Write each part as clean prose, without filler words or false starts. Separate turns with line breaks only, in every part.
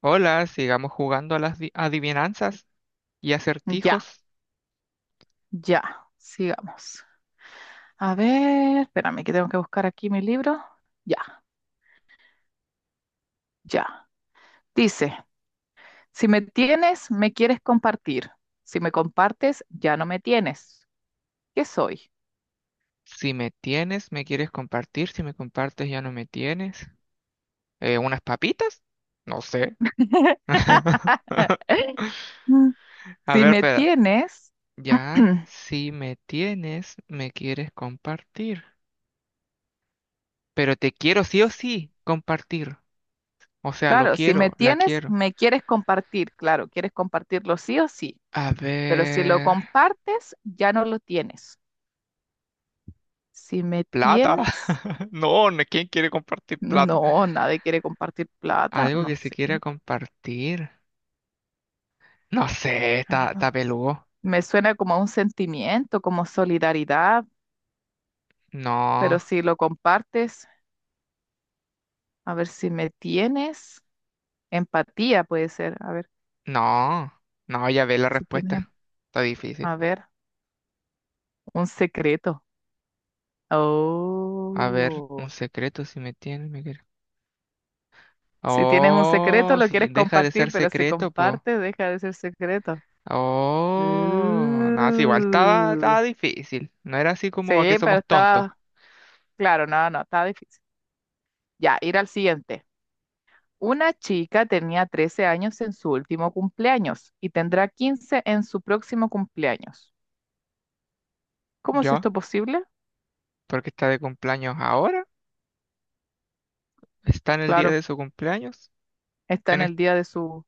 Hola, sigamos jugando a las adivinanzas y
Ya,
acertijos.
ya, sigamos. A ver, espérame que tengo que buscar aquí mi libro. Ya, ya. Dice, si me tienes, me quieres compartir. Si me compartes, ya no me tienes. ¿Qué soy?
Si me tienes, me quieres compartir. Si me compartes, ya no me tienes. ¿Unas papitas? No sé.
Mm.
A
Si
ver,
me
pero
tienes,
ya, si me tienes, me quieres compartir. Pero te quiero sí o sí compartir. O sea, lo
claro, si me
quiero, la
tienes,
quiero.
me quieres compartir. Claro, quieres compartirlo sí o sí,
A
pero si lo
ver,
compartes, ya no lo tienes. Si me
plata.
tienes,
No, no, ¿quién quiere compartir plata?
no, nadie quiere compartir plata,
Algo
no
que se
sé.
quiera compartir. No sé, está,
Algo.
está peludo.
Me suena como a un sentimiento, como solidaridad,
No,
pero si lo compartes, a ver si me tienes empatía, puede ser. A ver,
no, no, ya ve la
si tienes,
respuesta. Está difícil.
a ver, un secreto.
A ver, un
Oh,
secreto si me tiene, me quiere.
si tienes un secreto,
Oh,
lo
si
quieres
deja de
compartir,
ser
pero si
secreto, po.
compartes, deja de ser secreto.
Oh, no, si igual estaba,
Uh,
estaba difícil. No era así como a que
sí, pero
somos tontos.
estaba, claro, no, no, estaba difícil. Ya, ir al siguiente. Una chica tenía 13 años en su último cumpleaños y tendrá 15 en su próximo cumpleaños. ¿Cómo es
Yo,
esto posible?
porque está de cumpleaños ahora. Está en el día
Claro,
de su cumpleaños.
está
En
en
es-
el día de su...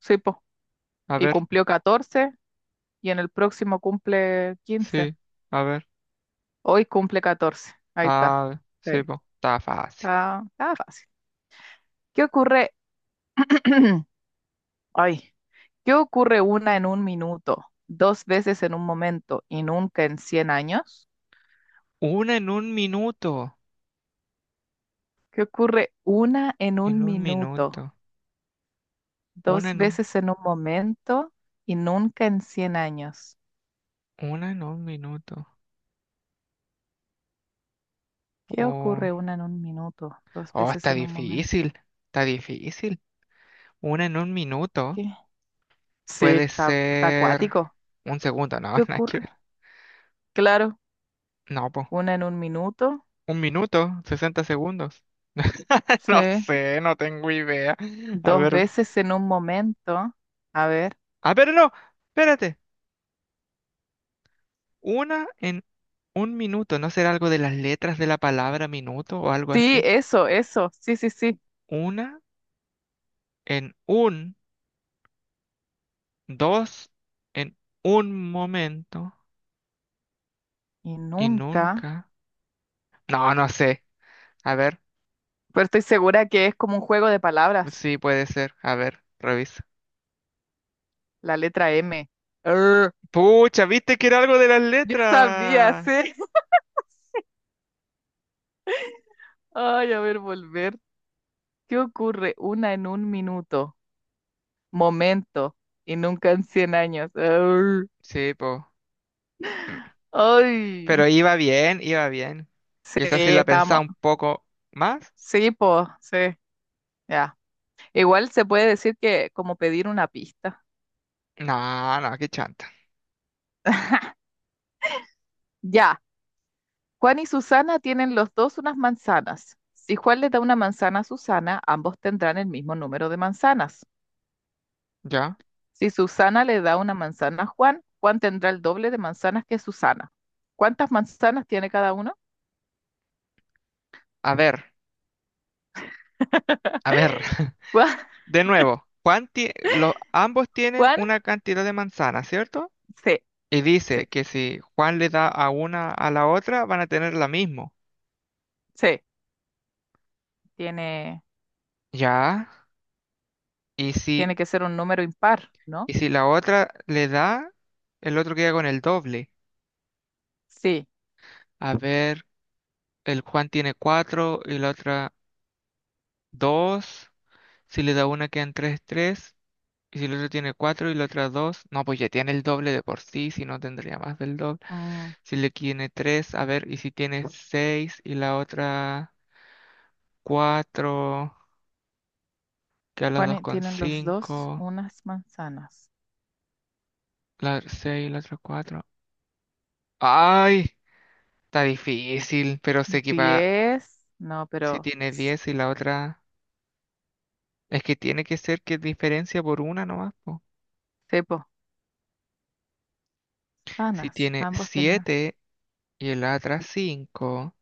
Sí, po,
a
y
ver,
cumplió 14 y en el próximo cumple 15.
sí, a ver.
Hoy cumple 14. Ahí está.
Ah,
Sí.
sí, po. Está fácil.
Ah, ah, fácil. ¿Qué ocurre? Ay, ¿qué ocurre una en un minuto, dos veces en un momento y nunca en 100 años?
Una en un minuto.
¿Qué ocurre una en
En
un
un
minuto?
minuto. Una
Dos
no.
veces en un momento y nunca en 100 años.
Una en un minuto.
¿Qué
Oh,
ocurre una en un minuto? Dos
oh,
veces
está
en un momento.
difícil. Está difícil. Una en un minuto
¿Qué? Sí,
puede
está, está
ser
acuático.
un segundo. No,
¿Qué
nada que
ocurre?
ver.
Claro,
No, po.
una en un minuto.
Un minuto, 60 segundos.
Sí.
No sé, no tengo idea. A
Dos
ver.
veces en un momento. A ver.
A ver, no. Espérate. Una en un minuto. ¿No será algo de las letras de la palabra minuto o algo
Sí,
así?
eso, eso. Sí, sí, sí.
Una en un, dos en un momento.
Y
Y
nunca.
nunca. No, no sé. A ver.
Pero estoy segura que es como un juego de palabras.
Sí, puede ser. A ver, revisa.
La letra M. Arr.
Pucha, viste que era algo de las
Yo sabía,
letras.
sí. Ay, a ver, volver. ¿Qué ocurre una en un minuto? Momento y nunca en 100 años. Arr.
Sí, po.
Ay,
Pero iba bien, iba bien.
sí,
Quizás si la pensaba
estamos.
un poco más.
Sí, pues, sí, ya. Igual se puede decir que como pedir una pista.
No, no, qué chanta.
Ya, Juan y Susana tienen los dos unas manzanas. Si Juan le da una manzana a Susana, ambos tendrán el mismo número de manzanas.
Ya.
Si Susana le da una manzana a Juan, Juan tendrá el doble de manzanas que Susana. ¿Cuántas manzanas tiene cada uno?
A ver, a ver.
Juan,
De nuevo, ambos tienen
Juan,
una cantidad de manzanas, ¿cierto?
sí,
Y
sí,
dice que si Juan le da a una a la otra, van a tener la misma.
sí, tiene
Ya. Y si
Tiene que ser un número impar, ¿no?
Y si la otra le da, el otro queda con el doble.
Sí.
A ver, el Juan tiene 4 y la otra dos. Si le da una, quedan tres, tres. Y si el otro tiene 4 y la otra dos, no, pues ya tiene el doble de por sí, si no tendría más del doble.
Mm,
Si le tiene tres, a ver, y si tiene 6 y la otra cuatro, quedan las dos
Juan,
con
tienen los dos
cinco.
unas manzanas.
La 6 y la otra cuatro. ¡Ay! Está difícil, pero sé que va.
10, no,
Si
pero
tiene 10 y la otra. Es que tiene que ser que diferencia por una nomás, po.
sí, po,
Si
sanas.
tiene
Ambos tienen
7 y el otra cinco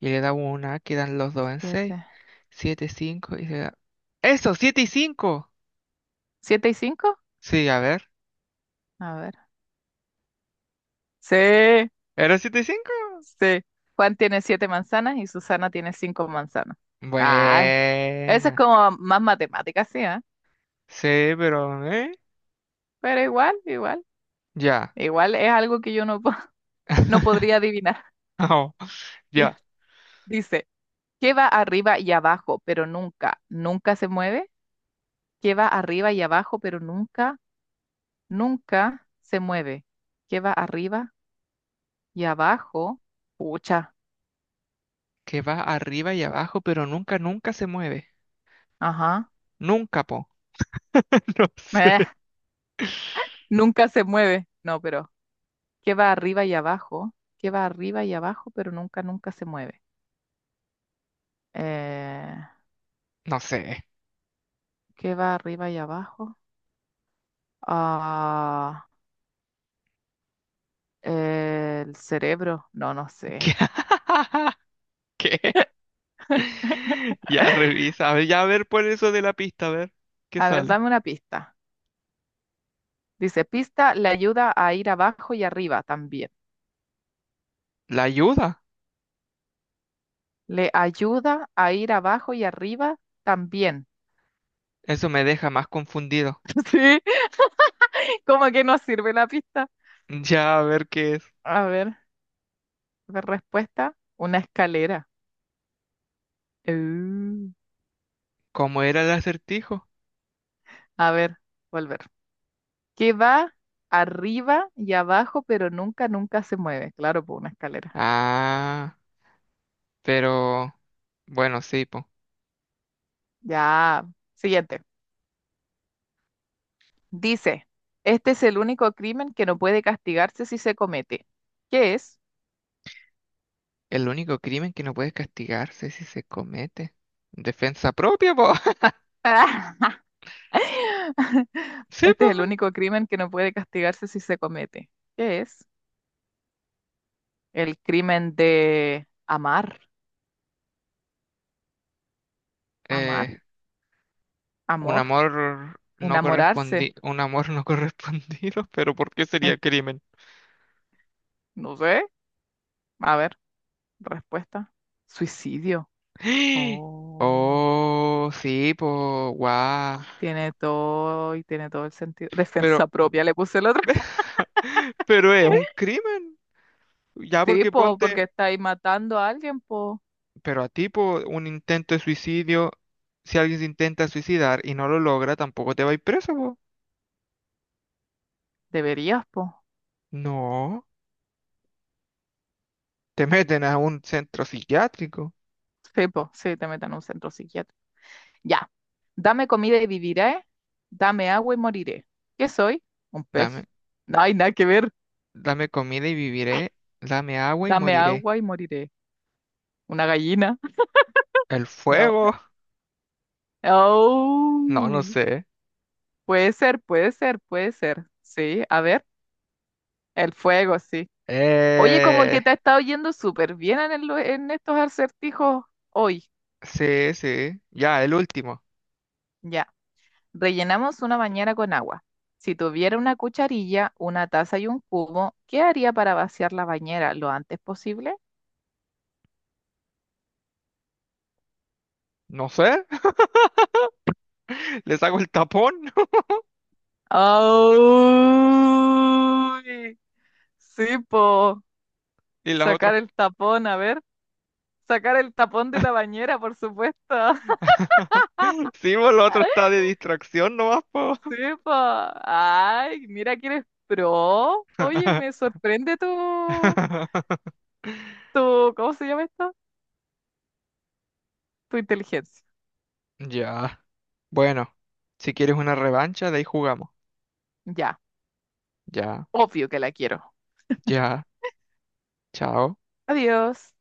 y le da una, quedan los dos en seis.
siete.
Siete, cinco y se da... ¡Eso! Siete y cinco.
¿Siete y cinco?
Sí, a ver.
A ver. Sí,
¿Era 7 y cinco?
sí. Juan tiene siete manzanas y Susana tiene cinco manzanas. Ah, eso es
Buena.
como más matemática, sí, ¿eh?
Sí, pero... ¿eh?
Pero igual, igual.
Ya.
Igual es algo que yo no, po- no podría adivinar.
No, ya.
Dice. ¿Qué va arriba y abajo, pero nunca, nunca se mueve? ¿Qué va arriba y abajo, pero nunca, nunca se mueve? ¿Qué va arriba y abajo? Pucha,
Que va arriba y abajo, pero nunca, nunca se mueve.
ajá.
Nunca, po. No sé.
Eh, nunca se mueve. No, pero ¿qué va arriba y abajo? ¿Qué va arriba y abajo, pero nunca, nunca se mueve? Eh,
No sé.
¿Qué va arriba y abajo? Ah, el cerebro. No, no
¿Qué?
sé.
¿Qué? Ya revisa, a ver, ya a ver por eso de la pista, a ver qué
A ver,
sale.
dame una pista. Dice, pista le ayuda a ir abajo y arriba también.
¿La ayuda?
Le ayuda a ir abajo y arriba también.
Eso me deja más confundido.
¿Sí? Como que no sirve la pista.
Ya a ver qué es.
A ver, la respuesta, una escalera. Uh,
¿Cómo era el acertijo?
A ver, volver. Que va arriba y abajo, pero nunca, nunca se mueve. Claro, por una escalera.
Ah, pero bueno, sí, po.
Ya. Siguiente. Dice, este es el único crimen que no puede castigarse si se comete. ¿Qué es?
El único crimen que no puede castigarse es si se comete. Defensa propia, po. Sí,
Este
po.
es el único crimen que no puede castigarse si se comete. ¿Qué es? El crimen de amar, amar,
Eh, un
amor,
amor no
enamorarse.
correspondi, un amor no correspondido, pero ¿por qué sería crimen?
No sé. A ver, respuesta. Suicidio. Oh,
Oh, sí, po. Guau.
tiene todo y tiene todo el sentido.
Pero,
Defensa propia, le puse el otro.
pero es un crimen. Ya
Sí,
porque
po,
ponte,
porque estáis matando a alguien, po.
pero a tipo un intento de suicidio, si alguien se intenta suicidar y no lo logra, tampoco te va a ir preso, po.
Deberías, po.
No, te meten a un centro psiquiátrico.
Sí, po, sí, te metan en un centro psiquiátrico. Ya. Dame comida y viviré. Dame agua y moriré. ¿Qué soy? Un pez.
Dame,
No hay nada que ver.
dame comida y viviré, dame agua y
Dame
moriré.
agua y moriré. Una gallina.
¿El
No.
fuego? No, no
Oh,
sé.
puede ser, puede ser, puede ser. Sí, a ver, el fuego, sí. Oye, como
Eh,
que te ha estado yendo súper bien en, en estos acertijos hoy.
sí, sí, ya, el último.
Ya. Rellenamos una bañera con agua. Si tuviera una cucharilla, una taza y un cubo, ¿qué haría para vaciar la bañera lo antes posible?
No sé, les hago el tapón
¡Oh! Sí, po.
y las otras.
Sacar el tapón, a ver. Sacar el tapón de la bañera, por supuesto.
Sí, pues lo otro está de distracción nomás, po.
Sí, pa. Ay, mira que eres pro. Oye, me sorprende tu, ¿cómo se llama esto? Tu inteligencia.
Ya. Bueno, si quieres una revancha, de ahí jugamos.
Ya,
Ya,
obvio que la quiero.
ya. Chao.
Adiós.